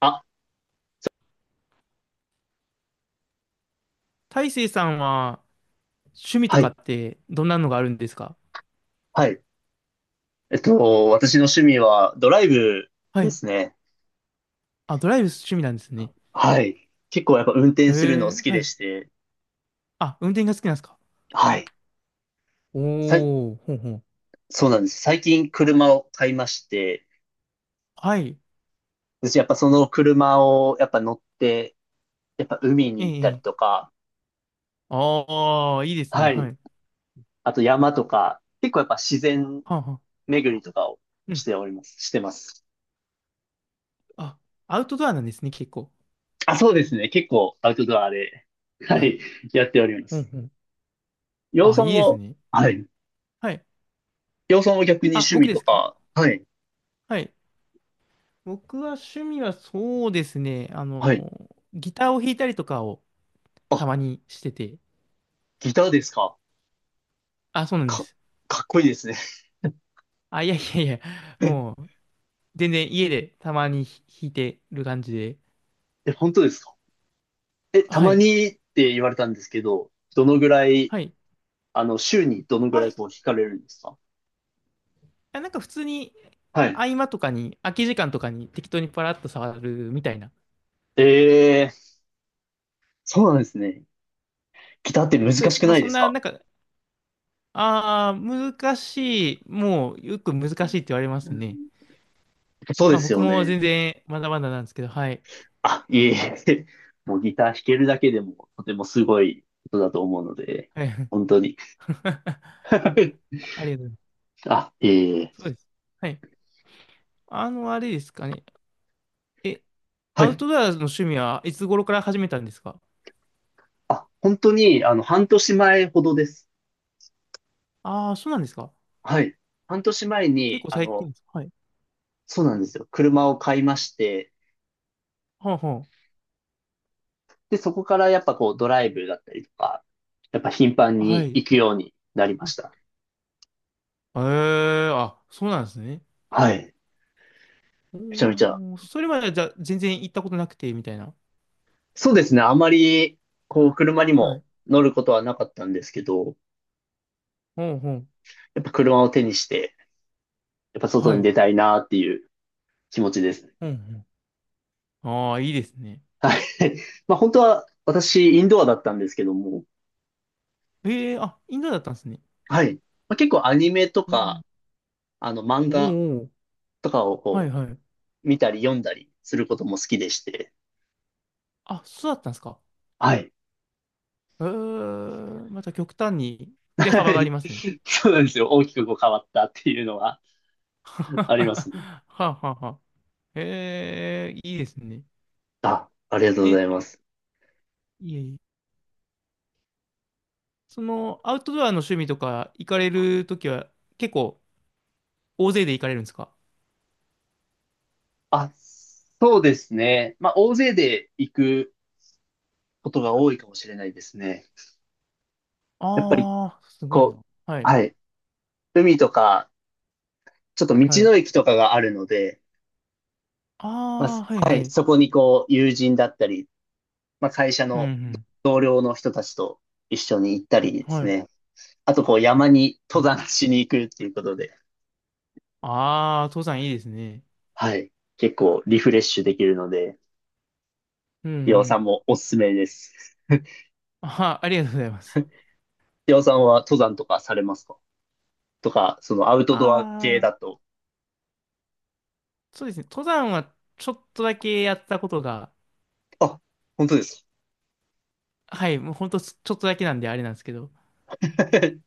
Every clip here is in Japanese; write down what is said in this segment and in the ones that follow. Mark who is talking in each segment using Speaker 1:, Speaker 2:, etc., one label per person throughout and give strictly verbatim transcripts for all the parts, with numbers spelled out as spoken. Speaker 1: あ、
Speaker 2: 大成さんは趣味と
Speaker 1: は
Speaker 2: か
Speaker 1: い、
Speaker 2: ってどんなのがあるんですか？
Speaker 1: はい。えっと、私の趣味はドライブ
Speaker 2: は
Speaker 1: で
Speaker 2: い。
Speaker 1: すね。
Speaker 2: あ、ドライブ趣味なんですね。
Speaker 1: はい。結構やっぱ運転するの
Speaker 2: え
Speaker 1: 好
Speaker 2: え、
Speaker 1: き
Speaker 2: は
Speaker 1: で
Speaker 2: い。
Speaker 1: して、
Speaker 2: あ、運転が好きなんですか？
Speaker 1: はい。さい、
Speaker 2: おー、ほんほん。
Speaker 1: そうなんです。最近車を買いまして、
Speaker 2: はい。
Speaker 1: 私やっぱその車をやっぱ乗って、やっぱ海に
Speaker 2: え
Speaker 1: 行っ
Speaker 2: え、
Speaker 1: た
Speaker 2: え
Speaker 1: りと
Speaker 2: え。
Speaker 1: か、
Speaker 2: ああ、いいですね。
Speaker 1: はい。
Speaker 2: はい。
Speaker 1: あと山とか、結構やっぱ自然
Speaker 2: はんはん。
Speaker 1: 巡りとかを
Speaker 2: う
Speaker 1: し
Speaker 2: ん。
Speaker 1: ております。してます。
Speaker 2: あ、アウトドアなんですね、結構。
Speaker 1: あ、そうですね。結構アウトドアで、は
Speaker 2: はい。
Speaker 1: い、やっておりま
Speaker 2: ほん
Speaker 1: す。
Speaker 2: ほん。
Speaker 1: 洋
Speaker 2: あ、
Speaker 1: さん
Speaker 2: いいです
Speaker 1: は、
Speaker 2: ね。
Speaker 1: はい。
Speaker 2: はい。
Speaker 1: 岩尾さんは逆に
Speaker 2: あ、
Speaker 1: 趣
Speaker 2: 僕
Speaker 1: 味
Speaker 2: で
Speaker 1: と
Speaker 2: すか？
Speaker 1: か、はい。
Speaker 2: はい。僕は趣味はそうですね。あ
Speaker 1: はい。
Speaker 2: の、ギターを弾いたりとかをた
Speaker 1: あ、
Speaker 2: まにしてて。
Speaker 1: ギターですか。
Speaker 2: あ、そうなんで
Speaker 1: か、
Speaker 2: す。
Speaker 1: かっこいいですね。
Speaker 2: あ、いやいやいや。も う、全然家でたまに弾いてる感じで。
Speaker 1: え、本当ですか。え、た
Speaker 2: は
Speaker 1: ま
Speaker 2: い。
Speaker 1: にって言われたんですけど、どのぐらい、
Speaker 2: はい。
Speaker 1: あの、週にどのぐ
Speaker 2: は
Speaker 1: らい
Speaker 2: い。
Speaker 1: こう弾かれるんですか？
Speaker 2: あ、なんか普通に
Speaker 1: はい。
Speaker 2: 合間とかに、空き時間とかに適当にパラッと触るみたいな。
Speaker 1: えー、そうなんですね。ギターって難
Speaker 2: そうで
Speaker 1: し
Speaker 2: す。
Speaker 1: く
Speaker 2: まあ
Speaker 1: ない
Speaker 2: そ
Speaker 1: で
Speaker 2: ん
Speaker 1: す
Speaker 2: な、
Speaker 1: か？
Speaker 2: なんか、ああ、難しい。もうよく難しいって言われますね。
Speaker 1: そうで
Speaker 2: まあ
Speaker 1: す
Speaker 2: 僕
Speaker 1: よ
Speaker 2: も
Speaker 1: ね。
Speaker 2: 全然まだまだなんですけど、はい。
Speaker 1: あ、いえいえ。もうギター弾けるだけでも、とてもすごいことだと思うので、
Speaker 2: はい。
Speaker 1: 本当に。
Speaker 2: ありがとうございま
Speaker 1: あ、え
Speaker 2: す。そ
Speaker 1: え
Speaker 2: うです。はい。あの、あれですかね。え、
Speaker 1: は
Speaker 2: アウ
Speaker 1: い。
Speaker 2: トドアの趣味はいつ頃から始めたんですか？
Speaker 1: あ、本当に、あの、半年前ほどです。
Speaker 2: ああー、そうなんですか。
Speaker 1: はい。半年前
Speaker 2: 結
Speaker 1: に、
Speaker 2: 構
Speaker 1: あ
Speaker 2: 最近
Speaker 1: の、
Speaker 2: です。はい。
Speaker 1: そうなんですよ。車を買いまして、
Speaker 2: はあはあ、
Speaker 1: で、そこからやっぱこうドライブだったりとか、やっぱ頻繁
Speaker 2: は
Speaker 1: に
Speaker 2: い。
Speaker 1: 行くようになりました。
Speaker 2: ええ、あ、そうなんですね。
Speaker 1: はい。めちゃめちゃ。
Speaker 2: おー、それまでじゃあ全然行ったことなくて、みたいな。
Speaker 1: そうですね。あまり、こう、車に
Speaker 2: は
Speaker 1: も
Speaker 2: い。
Speaker 1: 乗ることはなかったんですけど、
Speaker 2: うんうん。
Speaker 1: やっぱ車を手にして、やっぱ外
Speaker 2: は
Speaker 1: に
Speaker 2: い。
Speaker 1: 出たいなっていう気持ちですね。
Speaker 2: うんうん。ああ、いいですね。
Speaker 1: はい。まあ本当は私、インドアだったんですけども、
Speaker 2: ええ、あ、インドだったんですね。
Speaker 1: はい。まあ、結構アニメと
Speaker 2: うん。
Speaker 1: か、あの漫
Speaker 2: おー、
Speaker 1: 画
Speaker 2: おー、
Speaker 1: とかを
Speaker 2: はい
Speaker 1: こ
Speaker 2: はい。
Speaker 1: 見たり読んだりすることも好きでして。
Speaker 2: あ、そうだったんですか。
Speaker 1: はい。
Speaker 2: ええ、また極端に振れ
Speaker 1: は
Speaker 2: 幅があり
Speaker 1: い。
Speaker 2: ますね。
Speaker 1: そうなんですよ。大きくこう変わったっていうのは
Speaker 2: は
Speaker 1: ありますね。
Speaker 2: あはあはあ。ええ、いいですね。
Speaker 1: あ、ありがとうござ
Speaker 2: え、
Speaker 1: います。
Speaker 2: いえいえ。その、アウトドアの趣味とか行かれるときは結構大勢で行かれるんですか？
Speaker 1: あ、そうですね。まあ、大勢で行くことが多いかもしれないですね。やっぱり、
Speaker 2: ああ、すごい
Speaker 1: こ
Speaker 2: な。は
Speaker 1: う、
Speaker 2: い。
Speaker 1: はい。海とか、ちょっと道
Speaker 2: はい。
Speaker 1: の駅とかがあるので、まあ、す
Speaker 2: ああ、はい
Speaker 1: は
Speaker 2: は
Speaker 1: い。
Speaker 2: い。
Speaker 1: そこにこう、友人だったり、まあ、会社
Speaker 2: うん、
Speaker 1: の
Speaker 2: う
Speaker 1: 同僚の人たちと一緒に行ったりで
Speaker 2: ん。は
Speaker 1: す
Speaker 2: い。
Speaker 1: ね。あと、こう、山に登山しに行くっていうことで、
Speaker 2: ああー、登山いいですね。
Speaker 1: はい。結構リフレッシュできるので、
Speaker 2: うん、う
Speaker 1: 岩尾さ
Speaker 2: ん。
Speaker 1: んもおすすめです。
Speaker 2: あー、ありがとうございます。
Speaker 1: 岩尾さんは登山とかされますか？とか、そのアウトドア系
Speaker 2: ああ、
Speaker 1: だと。
Speaker 2: そうですね。登山はちょっとだけやったことが、
Speaker 1: あ、本当です
Speaker 2: はい、もうほんとちょっとだけなんであれなんですけど。
Speaker 1: か。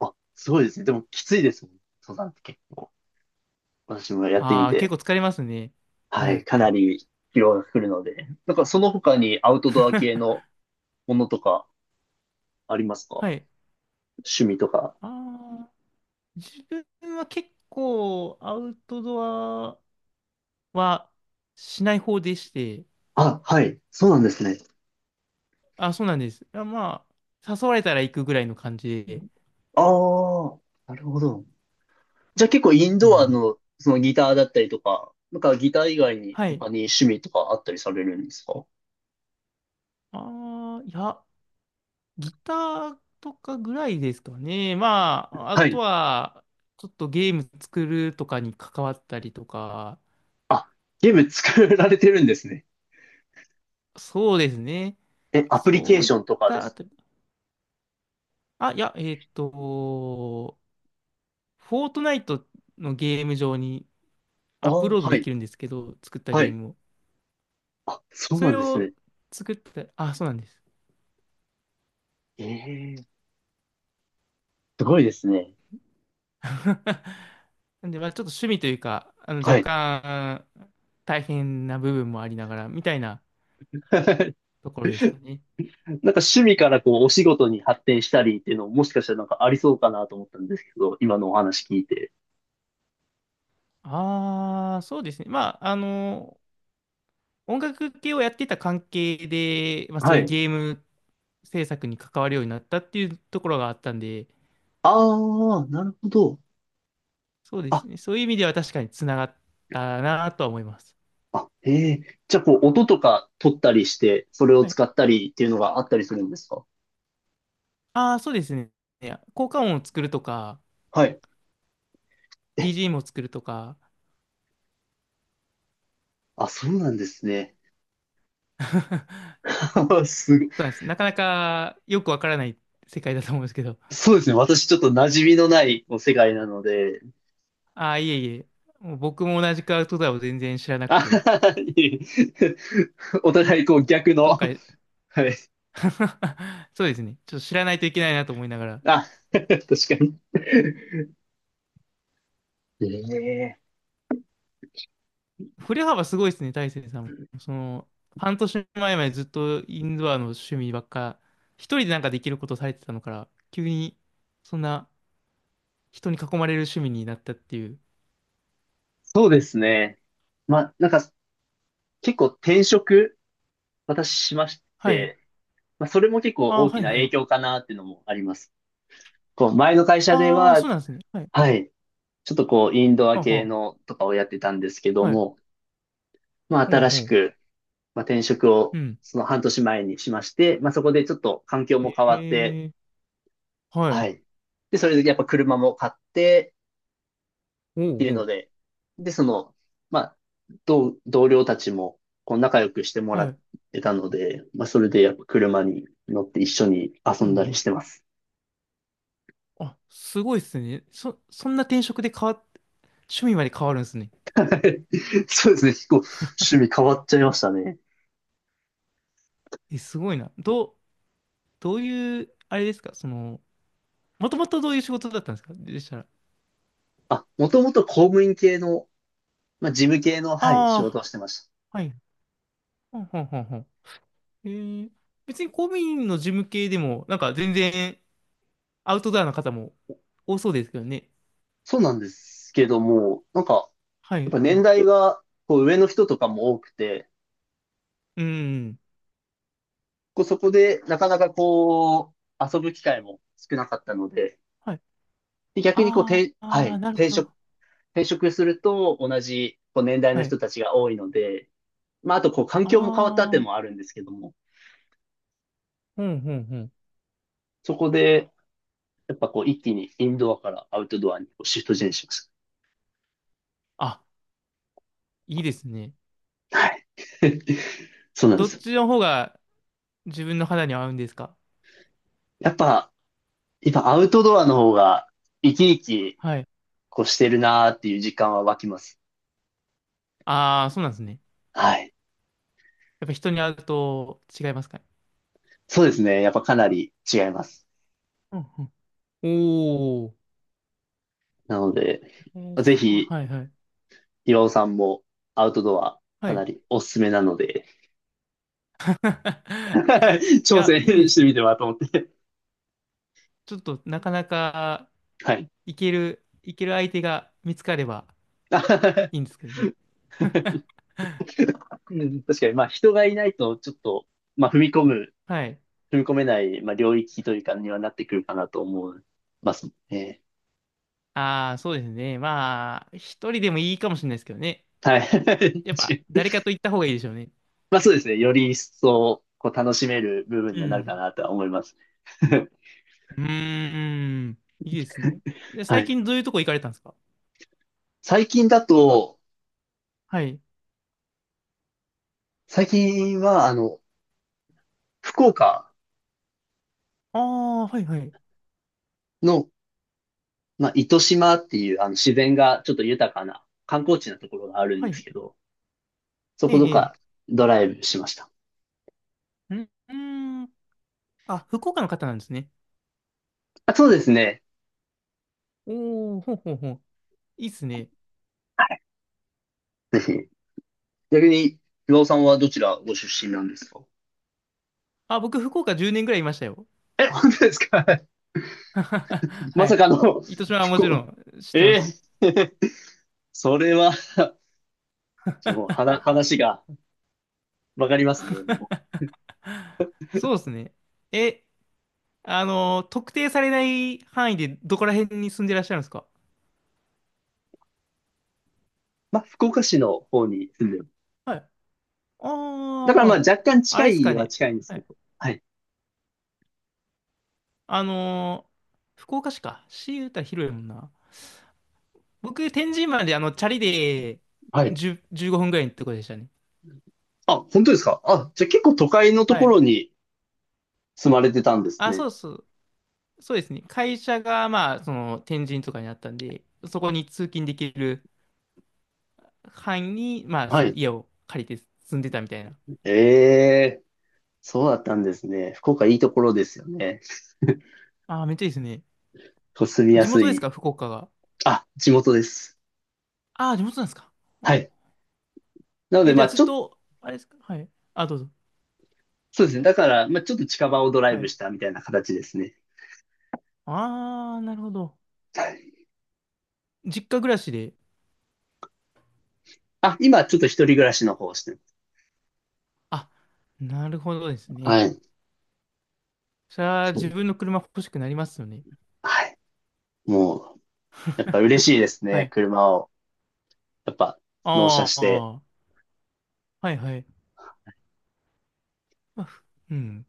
Speaker 1: あ、すごいですね。でもきついですもん。登山って結構。私もやってみ
Speaker 2: ああ、結
Speaker 1: て。
Speaker 2: 構疲れますね。
Speaker 1: は
Speaker 2: は
Speaker 1: い。
Speaker 2: い。
Speaker 1: かなり疲労が来るので。なんかその他にアウトドア系のものとかありますか？
Speaker 2: はい。
Speaker 1: 趣味とか。
Speaker 2: ああ、自分は結構アウトドアはしない方でして、
Speaker 1: あ、はい。そうなんですね。
Speaker 2: あ、そうなんです。あ、まあ、誘われたら行くぐらいの感じで。
Speaker 1: ああ、なるほど。じゃあ結構イン
Speaker 2: う
Speaker 1: ドア
Speaker 2: ん。
Speaker 1: の、そのギターだったりとか、なんかギター以外に
Speaker 2: はい。
Speaker 1: 他に趣味とかあったりされるんですか？
Speaker 2: ああ、いや、ギターとかぐらいですかね。まあ、あ
Speaker 1: は
Speaker 2: と
Speaker 1: い。
Speaker 2: は、ちょっとゲーム作るとかに関わったりとか、
Speaker 1: あ、ゲーム作られてるんですね。
Speaker 2: そうですね。
Speaker 1: え、アプリケ
Speaker 2: そ
Speaker 1: ー
Speaker 2: うい
Speaker 1: シ
Speaker 2: っ
Speaker 1: ョンとかで
Speaker 2: たあ
Speaker 1: す。
Speaker 2: たり。あ、いや、えっと、フォートナイトのゲーム上に
Speaker 1: あ
Speaker 2: アップ
Speaker 1: あ、
Speaker 2: ロード
Speaker 1: は
Speaker 2: で
Speaker 1: い、
Speaker 2: きるんですけど、作った
Speaker 1: は
Speaker 2: ゲー
Speaker 1: い。
Speaker 2: ムを。
Speaker 1: あ、そう
Speaker 2: そ
Speaker 1: なん
Speaker 2: れ
Speaker 1: ですね。
Speaker 2: を作った、あ、そうなんです。
Speaker 1: ええすごいですね。
Speaker 2: なんで、まあちょっと趣味というか、あの、若
Speaker 1: はい。
Speaker 2: 干、大変な部分もありながら、みたいな
Speaker 1: な
Speaker 2: ところですかね。
Speaker 1: んか趣味からこうお仕事に発展したりっていうのももしかしたらなんかありそうかなと思ったんですけど、今のお話聞いて。
Speaker 2: ああ、そうですね。まあ、あの、音楽系をやってた関係で、まあ、そ
Speaker 1: は
Speaker 2: ういう
Speaker 1: い。
Speaker 2: ゲーム制作に関わるようになったっていうところがあったんで、
Speaker 1: ああ、なるほど。
Speaker 2: そうで
Speaker 1: あ
Speaker 2: すね。そういう意味では確かにつながったなとは思います。
Speaker 1: あ、へえ。じゃあ、こう、音とか取ったりして、それを
Speaker 2: はい。
Speaker 1: 使ったりっていうのがあったりするんですか？
Speaker 2: ああ、そうですね。いや効果音を作るとか、
Speaker 1: はい。え、
Speaker 2: ビージーエム を作るとか、
Speaker 1: あ、そうなんですね。すご、
Speaker 2: そうなんです。なかなかよくわからない世界だと思うんですけど、
Speaker 1: そうですね。私、ちょっと馴染みのないこう世界なので。
Speaker 2: ああ、いえいえ。もう僕も同じくアウトドアを全然知らなく
Speaker 1: あは
Speaker 2: て、
Speaker 1: はいえ お互い、こう、逆の。
Speaker 2: どっかで
Speaker 1: はい。
Speaker 2: そうですね。ちょっと知らないといけないなと思いながら。
Speaker 1: あ、確かに。ええ。
Speaker 2: 振れ幅すごいですね、大成さんも。その、半年前までずっとインドアの趣味ばっか、一人でなんかできることされてたのから、急に、そんな人に囲まれる趣味になったっていう。
Speaker 1: そうですね。まあ、なんか、結構転職、私しまし
Speaker 2: はい。
Speaker 1: て、まあ、それも結構
Speaker 2: ああ、
Speaker 1: 大
Speaker 2: は
Speaker 1: き
Speaker 2: い
Speaker 1: な
Speaker 2: は
Speaker 1: 影
Speaker 2: い。
Speaker 1: 響かなっていうのもあります。こう、前の会社で
Speaker 2: ああ、
Speaker 1: は、
Speaker 2: そうなんですね。はい。
Speaker 1: はい。ちょっとこう、インドア
Speaker 2: はあ
Speaker 1: 系
Speaker 2: は
Speaker 1: のとかをやってたんですけど
Speaker 2: あ。はい。
Speaker 1: も、まあ、
Speaker 2: ほう
Speaker 1: 新
Speaker 2: ほ
Speaker 1: し
Speaker 2: う。
Speaker 1: く、まあ、転職を
Speaker 2: うん。
Speaker 1: その半年前にしまして、まあ、そこでちょっと環境も変わって、
Speaker 2: ええー。はい。
Speaker 1: はい。で、それでやっぱ車も買ってっ
Speaker 2: ほう
Speaker 1: てい
Speaker 2: ほ
Speaker 1: うの
Speaker 2: う。
Speaker 1: で、で、その、まあ、同、同僚たちも、こう、仲良くしてもら
Speaker 2: は
Speaker 1: っ
Speaker 2: い。
Speaker 1: てたので、まあ、それでやっぱ車に乗って一緒に
Speaker 2: う
Speaker 1: 遊
Speaker 2: んう
Speaker 1: んだりし
Speaker 2: ん、
Speaker 1: てます。
Speaker 2: あ、すごいっすね。そ、そんな転職で変わっ、趣味まで変わるんですね。
Speaker 1: そうですね。結構趣味変わっちゃいましたね。
Speaker 2: え、すごいな。どう、どういう、あれですか、その、もともとどういう仕事だったんですかでしたら？
Speaker 1: あ、もともと公務員系のまあ、事務系の、はい、仕事を
Speaker 2: あ
Speaker 1: してました。
Speaker 2: あ、はい。ほんほんほんほん。えー、別に公務員の事務系でも、なんか全然アウトドアな方もお多そうですけどね。
Speaker 1: そうなんですけども、なんか、やっ
Speaker 2: はい、
Speaker 1: ぱ
Speaker 2: は
Speaker 1: 年
Speaker 2: い。
Speaker 1: 代が、こう、上の人とかも多くて、
Speaker 2: うん。
Speaker 1: こう、そこで、なかなかこう、遊ぶ機会も少なかったので、
Speaker 2: はい。
Speaker 1: で逆にこう、
Speaker 2: あー
Speaker 1: 転は
Speaker 2: あー、
Speaker 1: い、
Speaker 2: なるほ
Speaker 1: 転職、
Speaker 2: ど。
Speaker 1: 転職すると、同じ、こう、年代の
Speaker 2: はい。
Speaker 1: 人たちが多いので、まあ、あと、こう、環境も変わったっていう
Speaker 2: あ
Speaker 1: の
Speaker 2: あ、
Speaker 1: もあるんですけども、
Speaker 2: ほんほんほん。
Speaker 1: そこで、やっぱこう、一気にインドアからアウトドアにこうシフトチェンジしまし
Speaker 2: あ、いいですね。
Speaker 1: た。はい。そうなんで
Speaker 2: どっ
Speaker 1: す。
Speaker 2: ちの方が自分の肌に合うんですか？
Speaker 1: やっぱ、やっぱアウトドアの方が生き生き
Speaker 2: はい。
Speaker 1: こうしてるなーっていう実感は湧きます。
Speaker 2: ああ、そうなんですね。
Speaker 1: はい。
Speaker 2: やっぱ人に会うと違いますかね。
Speaker 1: そうですね。やっぱかなり違います。
Speaker 2: うんうん。おお。
Speaker 1: なので、
Speaker 2: えー、
Speaker 1: ぜ
Speaker 2: すごいな。
Speaker 1: ひ、
Speaker 2: はいはい。
Speaker 1: 岩尾さんもアウトドア
Speaker 2: は
Speaker 1: かな
Speaker 2: い。
Speaker 1: りおすすめなので、
Speaker 2: い
Speaker 1: 挑
Speaker 2: や、
Speaker 1: 戦
Speaker 2: いいで
Speaker 1: し
Speaker 2: す
Speaker 1: て
Speaker 2: ね。
Speaker 1: みてはと思って。
Speaker 2: ちょっとなかなか
Speaker 1: はい。
Speaker 2: いける、いける相手が見つかればいいんで すけどね。
Speaker 1: うん確かに、まあ人がいないとちょっと、まあ踏み込む、
Speaker 2: はい。
Speaker 1: 踏み込めない、まあ領域というかにはなってくるかなと思いますね。
Speaker 2: ああ、そうですね。まあ、一人でもいいかもしれないですけどね。
Speaker 1: はい。
Speaker 2: やっ
Speaker 1: 確か
Speaker 2: ぱ、
Speaker 1: に。
Speaker 2: 誰かと行った方がいいでしょうね。
Speaker 1: まあそうですね。より一層、こう、楽しめる部分
Speaker 2: う
Speaker 1: にはなるか
Speaker 2: ん。
Speaker 1: なとは思います。
Speaker 2: うーん。いいですね。で、
Speaker 1: は
Speaker 2: 最
Speaker 1: い。
Speaker 2: 近どういうとこ行かれたんですか？
Speaker 1: 最近だと、
Speaker 2: はい。
Speaker 1: 最近は、あの、福岡
Speaker 2: ああ、はいはい。
Speaker 1: の、まあ、糸島っていう、あの、自然がちょっと豊かな観光地なところがあるん
Speaker 2: は
Speaker 1: です
Speaker 2: い。
Speaker 1: けど、そ
Speaker 2: ええ、
Speaker 1: こと
Speaker 2: ええ。
Speaker 1: かドライブしました。
Speaker 2: んうーん。あ、福岡の方なんですね。
Speaker 1: あ、そうですね。
Speaker 2: おー、ほうほうほう。いいっすね。
Speaker 1: ぜひ。逆に、岩尾さんはどちらご出身なんですか？
Speaker 2: あ、僕、福岡じゅうねんぐらいいましたよ。
Speaker 1: え、本当ですか？ ま
Speaker 2: は
Speaker 1: さ
Speaker 2: い。
Speaker 1: かの、
Speaker 2: 糸島はも
Speaker 1: 福
Speaker 2: ちろ
Speaker 1: 岡。
Speaker 2: ん知ってま
Speaker 1: え
Speaker 2: す。
Speaker 1: ーそれは ちょっともう話話がわかりますね。
Speaker 2: そうですね。え、あの特定されない範囲でどこら辺に住んでらっしゃるんですか？
Speaker 1: まあ、福岡市の方に住んでる。
Speaker 2: はい。あ
Speaker 1: だからまあ
Speaker 2: あ、
Speaker 1: 若干
Speaker 2: あ
Speaker 1: 近
Speaker 2: れっす
Speaker 1: い
Speaker 2: か
Speaker 1: は
Speaker 2: ね。
Speaker 1: 近いんです
Speaker 2: は
Speaker 1: けど。
Speaker 2: い。
Speaker 1: はい。
Speaker 2: あのー福岡市か。市言うたら広いもんな。僕、天神まであの、チャリで
Speaker 1: はい。
Speaker 2: じゅう、じゅうごふんぐらいのとこでしたね。
Speaker 1: あ、本当ですかあ、じゃあ結構都会のと
Speaker 2: は
Speaker 1: こ
Speaker 2: い。
Speaker 1: ろに住まれてたんです
Speaker 2: あ、
Speaker 1: ね。
Speaker 2: そうそう。そうですね。会社が、まあ、その、天神とかにあったんで、そこに通勤できる範囲に、まあ、
Speaker 1: は
Speaker 2: その
Speaker 1: い。
Speaker 2: 家を借りて住んでたみたいな。
Speaker 1: ええ、そうだったんですね。福岡いいところですよね。
Speaker 2: ああ、めっちゃいいですね。
Speaker 1: こう住みや
Speaker 2: 地
Speaker 1: す
Speaker 2: 元です
Speaker 1: い。
Speaker 2: か福岡が？
Speaker 1: あ、地元です。
Speaker 2: ああ、地元なんですか。ん、
Speaker 1: はい。なので
Speaker 2: え、じ
Speaker 1: ま
Speaker 2: ゃあ
Speaker 1: あ
Speaker 2: ずっ
Speaker 1: ちょっと、
Speaker 2: と、あれですか、はい。あ、どうぞ。
Speaker 1: そうですね。だから、まあちょっと近場をドライ
Speaker 2: は
Speaker 1: ブ
Speaker 2: い。
Speaker 1: したみたいな形ですね。
Speaker 2: ああ、なるほど。
Speaker 1: はい。
Speaker 2: 実家暮らしで。
Speaker 1: あ、今ちょっと一人暮らしの方をしてます。
Speaker 2: あ、なるほどですね。
Speaker 1: はい。
Speaker 2: それは
Speaker 1: そう
Speaker 2: 自分の車欲しくなりますよね。
Speaker 1: はい。もう、やっぱ嬉しいです
Speaker 2: は
Speaker 1: ね。
Speaker 2: い。
Speaker 1: 車を、やっぱ
Speaker 2: あ
Speaker 1: 納車し
Speaker 2: あ、
Speaker 1: て。
Speaker 2: はいはい。まあふ、うん。